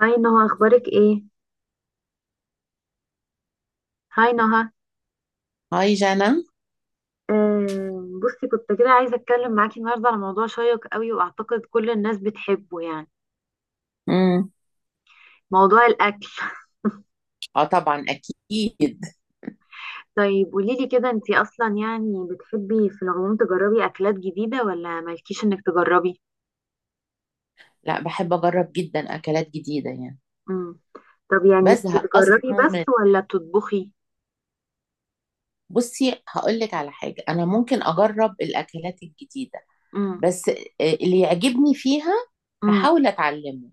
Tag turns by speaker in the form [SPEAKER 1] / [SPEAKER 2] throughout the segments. [SPEAKER 1] هاي نهى، اخبارك ايه هاي نهى
[SPEAKER 2] هاي جانا.
[SPEAKER 1] آه، بصي كنت كده عايزه اتكلم معاكي النهارده على موضوع شيق قوي، واعتقد كل الناس بتحبه يعني.
[SPEAKER 2] امم
[SPEAKER 1] موضوع الاكل.
[SPEAKER 2] اه، طبعا اكيد.
[SPEAKER 1] طيب قولي لي كده، انتي اصلا يعني بتحبي في العموم تجربي اكلات جديده ولا مالكيش انك تجربي؟
[SPEAKER 2] لا، بحب اجرب جدا اكلات جديده يعني.
[SPEAKER 1] امم. طب يعني
[SPEAKER 2] بزهق
[SPEAKER 1] بتجربي
[SPEAKER 2] اصلا من
[SPEAKER 1] بس ولا بتطبخي؟
[SPEAKER 2] بصي، هقول لك على حاجه. انا ممكن اجرب الاكلات الجديده
[SPEAKER 1] امم.
[SPEAKER 2] بس اللي يعجبني فيها
[SPEAKER 1] امم.
[SPEAKER 2] هحاول اتعلمه،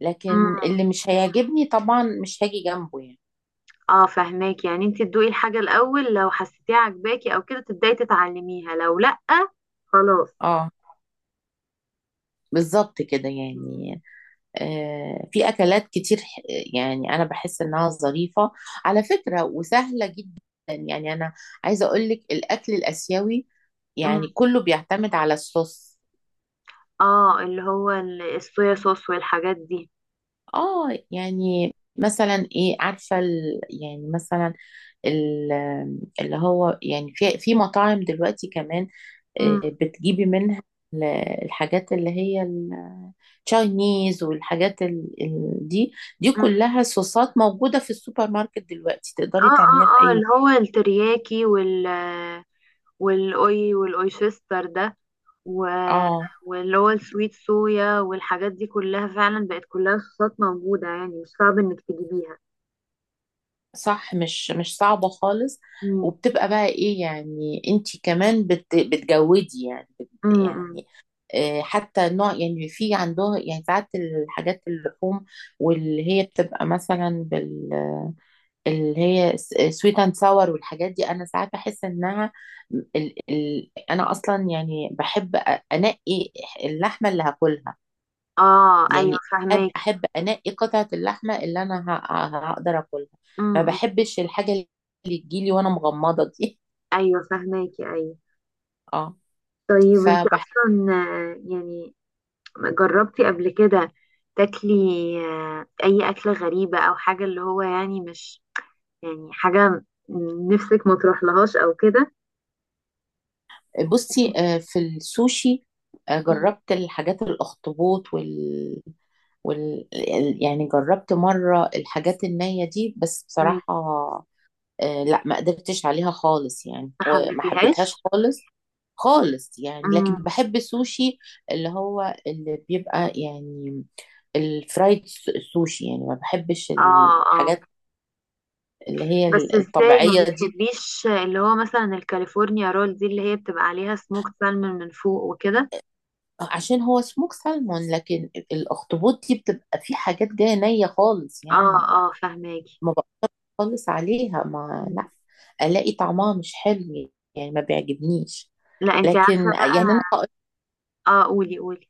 [SPEAKER 2] لكن
[SPEAKER 1] امم.
[SPEAKER 2] اللي مش هيعجبني طبعا مش هاجي جنبه يعني.
[SPEAKER 1] اه فهماك، يعني انتي تدوقي الحاجه الاول، لو حسيتيها عجباكي او كده تبداي تتعلميها، لو لا خلاص.
[SPEAKER 2] اه، بالظبط كده يعني. في اكلات كتير يعني انا بحس انها ظريفه على فكره وسهله جدا. يعني انا عايزه اقول لك الاكل الاسيوي يعني
[SPEAKER 1] امم.
[SPEAKER 2] كله بيعتمد على الصوص.
[SPEAKER 1] اه، اللي هو الصويا صوص والحاجات دي.
[SPEAKER 2] اه، يعني مثلا ايه؟ عارفه يعني مثلا ال... اللي هو يعني في مطاعم دلوقتي كمان
[SPEAKER 1] مم.
[SPEAKER 2] بتجيبي منها ال- الحاجات اللي هي التشاينيز والحاجات دي. دي
[SPEAKER 1] مم.
[SPEAKER 2] كلها صوصات موجوده في السوبر ماركت، دلوقتي تقدري
[SPEAKER 1] اه اه
[SPEAKER 2] تعمليها في
[SPEAKER 1] اه،
[SPEAKER 2] اي.
[SPEAKER 1] اللي هو الترياكي والاوي والاويشستر ده. و...
[SPEAKER 2] اه،
[SPEAKER 1] واللي هو السويت صويا والحاجات دي كلها، فعلا بقت كلها صوصات موجودة يعني، مش صعب انك تجيبيها.
[SPEAKER 2] صح. مش صعبة خالص.
[SPEAKER 1] مم.
[SPEAKER 2] وبتبقى بقى ايه يعني؟ انتي كمان بتجودي يعني بت
[SPEAKER 1] مم. مم.
[SPEAKER 2] يعني حتى نوع يعني في عندها يعني ساعات الحاجات اللحوم، واللي هي بتبقى مثلا اللي هي سويت اند ساور. والحاجات دي انا ساعات بحس انها ال ال انا اصلا يعني بحب انقي اللحمه اللي هاكلها.
[SPEAKER 1] اه، ايوه
[SPEAKER 2] يعني
[SPEAKER 1] فهماكي.
[SPEAKER 2] احب انقي قطعه اللحمه اللي انا هقدر اكلها.
[SPEAKER 1] مم.
[SPEAKER 2] ما
[SPEAKER 1] مم.
[SPEAKER 2] بحبش الحاجه اللي تجيلي وانا مغمضه دي.
[SPEAKER 1] ايوه فهماكي، ايوه.
[SPEAKER 2] اه.
[SPEAKER 1] طيب انت
[SPEAKER 2] فبح
[SPEAKER 1] اصلا، يعني جربتي قبل كده تاكلي اي اكلة غريبة، او حاجة اللي هو يعني مش يعني حاجة نفسك ما تروحلهاش او كده؟
[SPEAKER 2] بصي، في السوشي. جربت الحاجات الاخطبوط يعني جربت مره الحاجات النيه دي، بس
[SPEAKER 1] مم.
[SPEAKER 2] بصراحه لا، ما قدرتش عليها خالص يعني،
[SPEAKER 1] ما
[SPEAKER 2] وما حبيتهاش
[SPEAKER 1] حبيتيهاش؟
[SPEAKER 2] خالص. خالص يعني.
[SPEAKER 1] مم.
[SPEAKER 2] لكن بحب السوشي اللي هو اللي بيبقى يعني الفرايد سوشي. يعني ما بحبش
[SPEAKER 1] اه اه.
[SPEAKER 2] الحاجات اللي هي
[SPEAKER 1] بس ازاي ما
[SPEAKER 2] الطبيعية دي،
[SPEAKER 1] بتحبيش اللي هو مثلا الكاليفورنيا رول دي، اللي هي بتبقى عليها سموكت سالمون من فوق وكده؟
[SPEAKER 2] عشان هو سموك سالمون. لكن الاخطبوط دي بتبقى في حاجات جاية نية خالص
[SPEAKER 1] اه
[SPEAKER 2] يعني، ما
[SPEAKER 1] اه فهماكي.
[SPEAKER 2] ما بخلص عليها، ما
[SPEAKER 1] مم.
[SPEAKER 2] لا الاقي طعمها مش حلو يعني، ما بيعجبنيش.
[SPEAKER 1] لا انتي
[SPEAKER 2] لكن
[SPEAKER 1] عارفة بقى.
[SPEAKER 2] يعني انا
[SPEAKER 1] اه قولي قولي.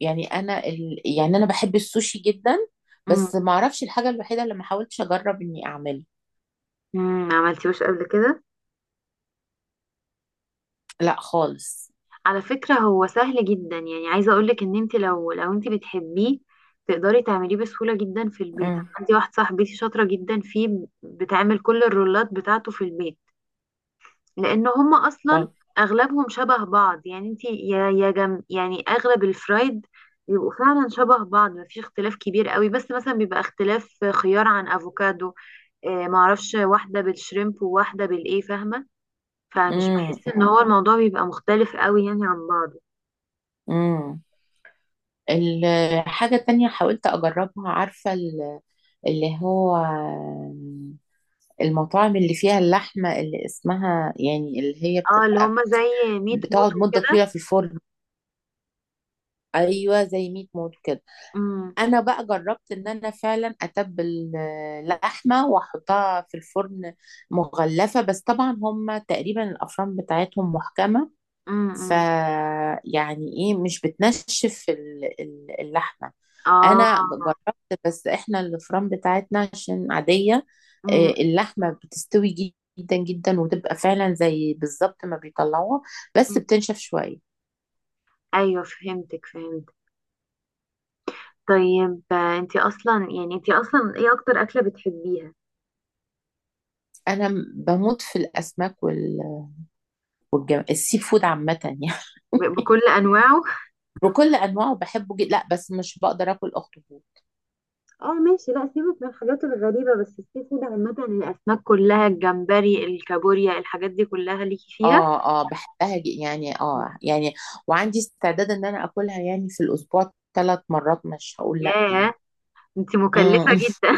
[SPEAKER 2] يعني انا يعني انا بحب السوشي جدا، بس ما اعرفش. الحاجة الوحيدة اللي ما حاولتش اجرب اني اعملها.
[SPEAKER 1] عملتيهوش قبل كده؟
[SPEAKER 2] لا خالص.
[SPEAKER 1] على فكرة هو سهل جدا، يعني عايزة اقولك ان انت لو انت بتحبيه تقدري تعمليه بسهولة جدا في البيت. انا
[SPEAKER 2] امم.
[SPEAKER 1] عندي واحدة صاحبتي شاطرة جدا فيه، بتعمل كل الرولات بتاعته في البيت. لان هما اصلا
[SPEAKER 2] خالص.
[SPEAKER 1] اغلبهم شبه بعض، يعني انت يا جم، يعني اغلب الفرايد بيبقوا فعلا شبه بعض، مفيش اختلاف كبير قوي، بس مثلا بيبقى اختلاف خيار عن افوكادو. معرفش واحدة بالشريمب وواحدة بالايه، فاهمة. فمش
[SPEAKER 2] امم.
[SPEAKER 1] بحس ان هو الموضوع بيبقى مختلف قوي يعني عن بعض.
[SPEAKER 2] امم. الحاجة التانية حاولت أجربها. عارفة اللي هو المطاعم اللي فيها اللحمة اللي اسمها يعني، اللي هي
[SPEAKER 1] اه اللي هم
[SPEAKER 2] بتبقى
[SPEAKER 1] زي ميت موت
[SPEAKER 2] بتقعد مدة
[SPEAKER 1] وكده.
[SPEAKER 2] طويلة في الفرن. أيوة، زي ميت موت كده.
[SPEAKER 1] امم.
[SPEAKER 2] أنا بقى جربت إن أنا فعلا أتبل لحمة وأحطها في الفرن مغلفة، بس طبعا هم تقريبا الأفران بتاعتهم محكمة.
[SPEAKER 1] امم.
[SPEAKER 2] ف
[SPEAKER 1] امم.
[SPEAKER 2] يعني ايه، مش بتنشف اللحمه.
[SPEAKER 1] اه.
[SPEAKER 2] انا جربت، بس احنا الفرن بتاعتنا عشان عاديه.
[SPEAKER 1] امم.
[SPEAKER 2] اللحمه بتستوي جدا جدا، وتبقى فعلا زي بالظبط ما بيطلعوها، بس
[SPEAKER 1] امم.
[SPEAKER 2] بتنشف شويه.
[SPEAKER 1] ايوه فهمتك، فهمت. طيب انتي اصلا ايه اكتر اكله بتحبيها؟
[SPEAKER 2] انا بموت في الاسماك السي فود عامه يعني.
[SPEAKER 1] بكل انواعه.
[SPEAKER 2] بكل انواعه بحبه جدا. لا، بس مش بقدر اكل اخطبوط.
[SPEAKER 1] اه ماشي، لا سيبك من الحاجات الغريبه، بس السي فود عامه الاسماك كلها الجمبري الكابوريا الحاجات دي كلها ليكي فيها؟
[SPEAKER 2] اه اه، بحبها يعني،
[SPEAKER 1] مم.
[SPEAKER 2] اه يعني، وعندي استعداد ان انا اكلها يعني في الاسبوع 3 مرات، مش هقول لا
[SPEAKER 1] ياه،
[SPEAKER 2] يعني.
[SPEAKER 1] انتي مكلفه
[SPEAKER 2] مم.
[SPEAKER 1] جدا.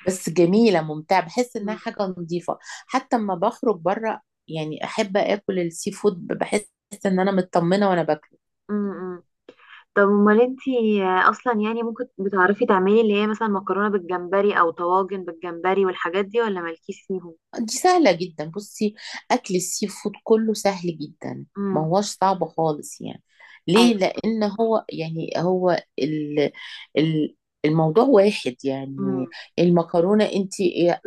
[SPEAKER 2] بس جميله، ممتعه، بحس انها
[SPEAKER 1] مم.
[SPEAKER 2] حاجه نظيفه. حتى اما بخرج بره يعني، احب اكل السي فود، بحس ان انا مطمنه وانا باكله.
[SPEAKER 1] مم. طب امال انتي اصلا يعني، ممكن بتعرفي تعملي اللي هي مثلا مكرونه بالجمبري او طواجن بالجمبري والحاجات دي، ولا مالكيش فيهم؟
[SPEAKER 2] دي سهلة جدا. بصي، أكل السي فود كله سهل جدا. ما
[SPEAKER 1] امم.
[SPEAKER 2] هوش صعب خالص يعني.
[SPEAKER 1] ايوه.
[SPEAKER 2] ليه؟ لأن هو يعني ال ال الموضوع واحد يعني.
[SPEAKER 1] امم.
[SPEAKER 2] المكرونة، انت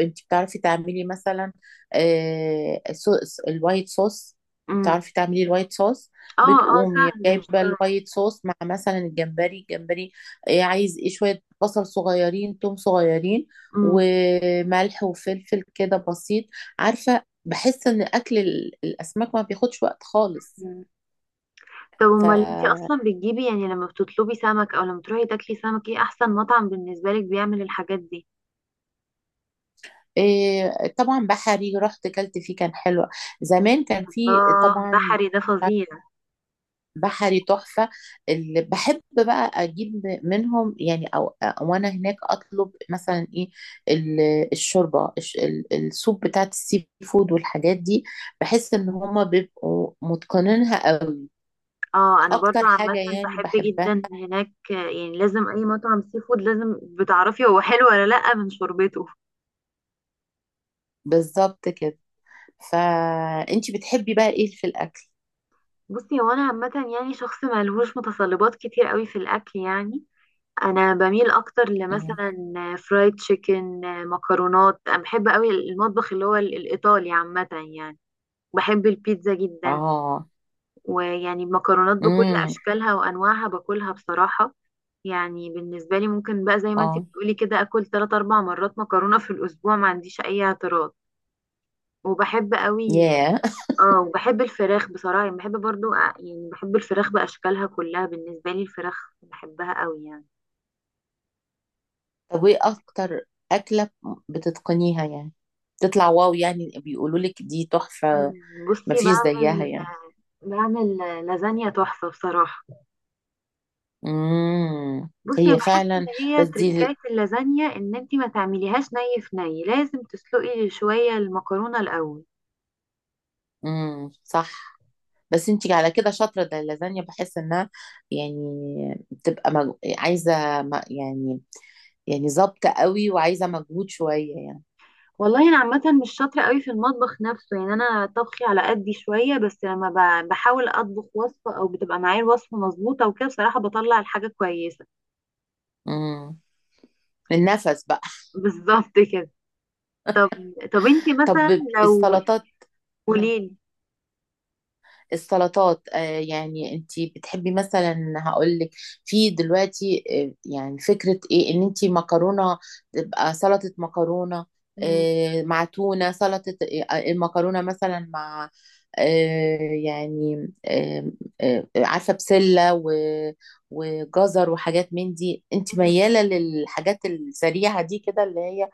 [SPEAKER 2] انت بتعرفي تعملي مثلا آه، صو- الوايت صوص.
[SPEAKER 1] امم.
[SPEAKER 2] بتعرفي تعملي الوايت صوص.
[SPEAKER 1] اه اه
[SPEAKER 2] بتقومي
[SPEAKER 1] سهل، مش
[SPEAKER 2] جايبة
[SPEAKER 1] صعب.
[SPEAKER 2] الوايت صوص مع مثلا الجمبري. الجمبري عايز ايه؟ شوية بصل صغيرين، توم صغيرين،
[SPEAKER 1] امم.
[SPEAKER 2] وملح وفلفل، كده بسيط. عارفة؟ بحس ان اكل الاسماك ما بياخدش وقت خالص.
[SPEAKER 1] أمم. طب
[SPEAKER 2] ف
[SPEAKER 1] امال انتي اصلا بتجيبي، يعني لما بتطلبي سمك او لما تروحي تاكلي سمك، ايه احسن مطعم بالنسبه لك بيعمل الحاجات دي؟
[SPEAKER 2] إيه، طبعا بحري، رحت كلت فيه، كان حلو زمان، كان فيه
[SPEAKER 1] الله،
[SPEAKER 2] طبعا.
[SPEAKER 1] بحري ده فظيع.
[SPEAKER 2] بحري تحفة. اللي بحب بقى اجيب منهم يعني، او وانا هناك اطلب مثلا ايه؟ الشوربة، السوب بتاعت السي فود والحاجات دي. بحس ان هما بيبقوا متقنينها قوي.
[SPEAKER 1] اه انا برضو
[SPEAKER 2] اكتر
[SPEAKER 1] عامه
[SPEAKER 2] حاجة يعني
[SPEAKER 1] بحب
[SPEAKER 2] بحبها.
[SPEAKER 1] جدا هناك. يعني لازم اي مطعم سي فود لازم بتعرفي هو حلو ولا لا من شوربته.
[SPEAKER 2] بالظبط كده. فانتي بتحبي بقى ايه في الاكل؟
[SPEAKER 1] بصي هو انا عامه يعني شخص ملهوش متطلبات كتير قوي في الاكل يعني، انا بميل اكتر
[SPEAKER 2] مم.
[SPEAKER 1] لمثلا فرايد تشيكن، مكرونات. انا بحب قوي المطبخ اللي هو الايطالي عامه، يعني بحب البيتزا جدا.
[SPEAKER 2] اه.
[SPEAKER 1] ويعني المكرونات بكل
[SPEAKER 2] امم.
[SPEAKER 1] اشكالها وانواعها باكلها بصراحه، يعني بالنسبه لي ممكن بقى زي ما انت
[SPEAKER 2] اه.
[SPEAKER 1] بتقولي كده اكل 3 4 مرات مكرونه في الاسبوع، ما عنديش اي اعتراض. وبحب قوي.
[SPEAKER 2] ياه.
[SPEAKER 1] اه، وبحب الفراخ بصراحة، يعني بحب برضو يعني بحب الفراخ بأشكالها كلها، بالنسبة لي الفراخ بحبها قوي يعني.
[SPEAKER 2] طب وايه اكتر اكله بتتقنيها يعني، تطلع واو، يعني بيقولوا لك دي تحفه،
[SPEAKER 1] مم. بصي
[SPEAKER 2] مفيش زيها
[SPEAKER 1] بعمل
[SPEAKER 2] يعني؟
[SPEAKER 1] بعمل لازانيا تحفة بصراحة.
[SPEAKER 2] امم.
[SPEAKER 1] بصي يعني
[SPEAKER 2] هي
[SPEAKER 1] بحس ان
[SPEAKER 2] فعلا،
[SPEAKER 1] هي
[SPEAKER 2] بس دي.
[SPEAKER 1] تركاية اللازانيا ان انتي ما تعمليهاش ني في ني، لازم تسلقي شوية المكرونة الأول.
[SPEAKER 2] امم، صح. بس انتي على كده شاطره ده. اللازانيا بحس انها يعني بتبقى يعني، يعني ظابطه قوي، وعايزه مجهود شويه يعني.
[SPEAKER 1] والله انا عامة مش شاطرة قوي في المطبخ نفسه يعني، انا طبخي على قدي شوية، بس لما بحاول اطبخ وصفة او بتبقى معايا الوصفة مظبوطة وكده بصراحة بطلع الحاجة كويسة.
[SPEAKER 2] امم. النفس بقى.
[SPEAKER 1] بالظبط كده. طب طب انتي مثلا
[SPEAKER 2] طب
[SPEAKER 1] لو
[SPEAKER 2] السلطات. مهم.
[SPEAKER 1] قوليلي.
[SPEAKER 2] السلطات، يعني انتي بتحبي مثلا؟ هقول لك، في دلوقتي يعني فكرة ايه؟ ان انتي مكرونة تبقى سلطة مكرونة،
[SPEAKER 1] مم.
[SPEAKER 2] مع تونة، سلطة المكرونة مثلا مع آه يعني آه عارفة؟ بسلة وجزر وحاجات من دي. انت
[SPEAKER 1] مم.
[SPEAKER 2] ميالة للحاجات السريعة دي كده؟ اللي هي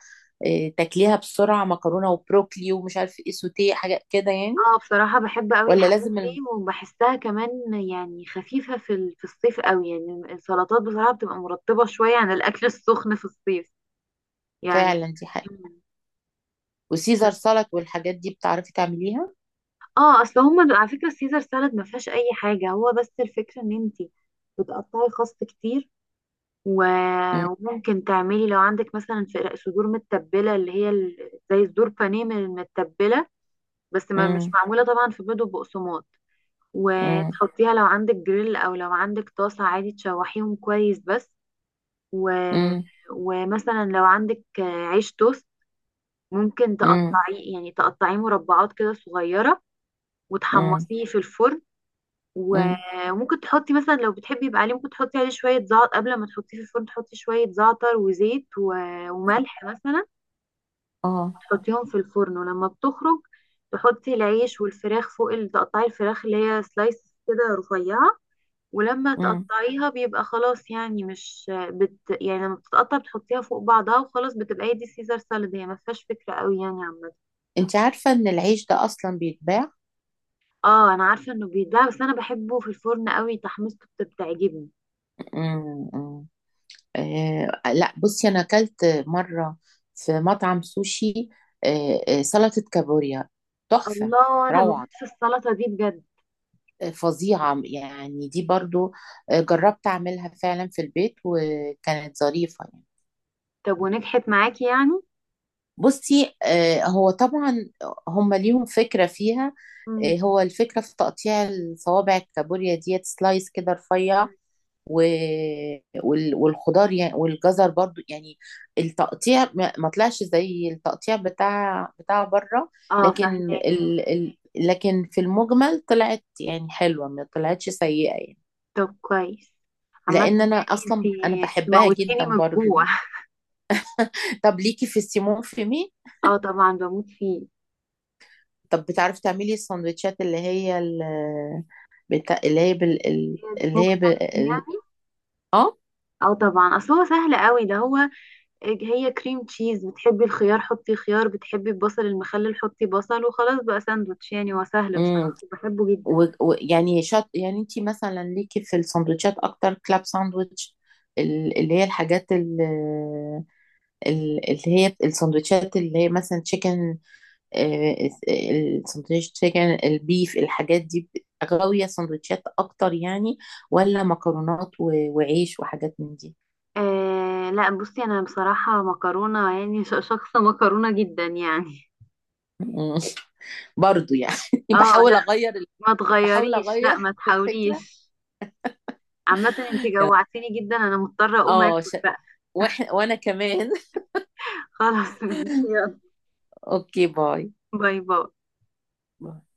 [SPEAKER 2] تاكليها بسرعة، مكرونة وبروكلي ومش عارف ايه، سوتيه، حاجات كده يعني.
[SPEAKER 1] اه بصراحة بحب قوي
[SPEAKER 2] ولا
[SPEAKER 1] الحاجات
[SPEAKER 2] لازم
[SPEAKER 1] دي،
[SPEAKER 2] الم...
[SPEAKER 1] وبحسها كمان يعني خفيفة في في الصيف قوي. يعني السلطات بصراحة بتبقى مرطبة شوية عن الأكل السخن في الصيف يعني.
[SPEAKER 2] فعلا دي حاجة.
[SPEAKER 1] مم.
[SPEAKER 2] وسيزر سالاد والحاجات دي بتعرفي تعمليها؟
[SPEAKER 1] اه، اصل هما على فكرة السيزر سالاد ما فيهاش اي حاجة، هو بس الفكرة ان انتي بتقطعي خس كتير،
[SPEAKER 2] مم،
[SPEAKER 1] وممكن تعملي لو عندك مثلا صدور متبلة، اللي هي زي صدور بانيه من المتبلة، بس ما مش
[SPEAKER 2] مم،
[SPEAKER 1] معمولة طبعا في بيض وبقسماط،
[SPEAKER 2] مم،
[SPEAKER 1] وتحطيها لو عندك جريل او لو عندك طاسة عادي تشوحيهم كويس بس. و...
[SPEAKER 2] مم،
[SPEAKER 1] ومثلا لو عندك عيش توست ممكن
[SPEAKER 2] مم،
[SPEAKER 1] تقطعيه مربعات كده صغيرة
[SPEAKER 2] مم،
[SPEAKER 1] وتحمصيه في الفرن. و-
[SPEAKER 2] مم،
[SPEAKER 1] وممكن تحطي مثلا لو بتحبي يبقى عليه، ممكن تحطي عليه شوية زعتر قبل ما تحطيه في الفرن، تحطي شوية زعتر وزيت و... وملح مثلا،
[SPEAKER 2] اه،
[SPEAKER 1] تحطيهم في الفرن. ولما بتخرج تحطي العيش والفراخ فوق، تقطعي الفراخ اللي هي سلايس كده رفيعة، ولما
[SPEAKER 2] مم.
[SPEAKER 1] تقطعيها بيبقى خلاص يعني مش يعني لما بتتقطع بتحطيها فوق بعضها وخلاص، بتبقى هي دي سيزر سالاد. هي ما فيهاش فكرة قوي يعني عامة.
[SPEAKER 2] انت عارفة ان العيش ده اصلا بيتباع؟
[SPEAKER 1] اه انا عارفة انه بيتباع، بس انا بحبه في الفرن قوي، تحميصته بتعجبني.
[SPEAKER 2] مم، مم. لا، بصي انا اكلت مرة في مطعم سوشي. آه آه، سلطة كابوريا. تحفة.
[SPEAKER 1] الله انا
[SPEAKER 2] روعة.
[SPEAKER 1] بموت في السلطة دي بجد.
[SPEAKER 2] فظيعة يعني، دي برضو. جربت أعملها فعلا في البيت، وكانت ظريفة يعني.
[SPEAKER 1] طب ونجحت معاكي يعني؟
[SPEAKER 2] بصي، هو طبعا هم ليهم فكرة فيها.
[SPEAKER 1] مم.
[SPEAKER 2] هو الفكرة في تقطيع الصوابع الكابوريا ديت سلايس كده رفيع و... والخضار يعني، والجزر برضو يعني، التقطيع ما طلعش زي التقطيع بتاع بره.
[SPEAKER 1] اه
[SPEAKER 2] لكن
[SPEAKER 1] فاهمة.
[SPEAKER 2] لكن في المجمل طلعت يعني حلوة، ما طلعتش سيئة يعني.
[SPEAKER 1] طب كويس، عامة
[SPEAKER 2] لأن أنا
[SPEAKER 1] يعني انت
[SPEAKER 2] أصلا
[SPEAKER 1] انت
[SPEAKER 2] بحبها جدا
[SPEAKER 1] موتيني من
[SPEAKER 2] برضو
[SPEAKER 1] الجوع.
[SPEAKER 2] يعني. طب ليكي في السيمون فيمي؟
[SPEAKER 1] اه طبعا بموت فيه.
[SPEAKER 2] طب بتعرفي تعملي السندوتشات اللي هي ال... بتا... اللي هي بال... ال-
[SPEAKER 1] السموك سالمون يعني؟
[SPEAKER 2] اه.
[SPEAKER 1] اه طبعا، اصل هو سهل قوي ده، هو هي كريم تشيز، بتحبي الخيار حطي خيار، بتحبي البصل المخلل حطي بصل وخلاص بقى ساندوتش، يعني هو سهل
[SPEAKER 2] امم.
[SPEAKER 1] بصراحة بحبه جدا.
[SPEAKER 2] يعني يعني انت مثلا ليكي في السندوتشات اكتر؟ كلاب ساندوتش، اللي هي الحاجات اللي هي السندوتشات اللي هي مثلا تشيكن. السندوتش تشيكن، البيف، الحاجات دي، غاوية سندوتشات اكتر يعني؟ ولا مكرونات وعيش وحاجات من دي؟
[SPEAKER 1] آه لا، بصي انا بصراحة مكرونة يعني شخصة مكرونة جدا يعني.
[SPEAKER 2] مم. برضو يعني.
[SPEAKER 1] اه
[SPEAKER 2] بحاول
[SPEAKER 1] لا،
[SPEAKER 2] اغير.
[SPEAKER 1] ما
[SPEAKER 2] بحاول
[SPEAKER 1] تغيريش، لا
[SPEAKER 2] اغير
[SPEAKER 1] ما
[SPEAKER 2] الفكره.
[SPEAKER 1] تحاوليش. عامة انت جوعتيني جدا، انا مضطرة اقوم
[SPEAKER 2] اه.
[SPEAKER 1] اكل
[SPEAKER 2] ش...
[SPEAKER 1] بقى.
[SPEAKER 2] واحنا وانا كمان.
[SPEAKER 1] خلاص ماشي، يلا.
[SPEAKER 2] اوكي، باي.
[SPEAKER 1] باي باي.
[SPEAKER 2] باي.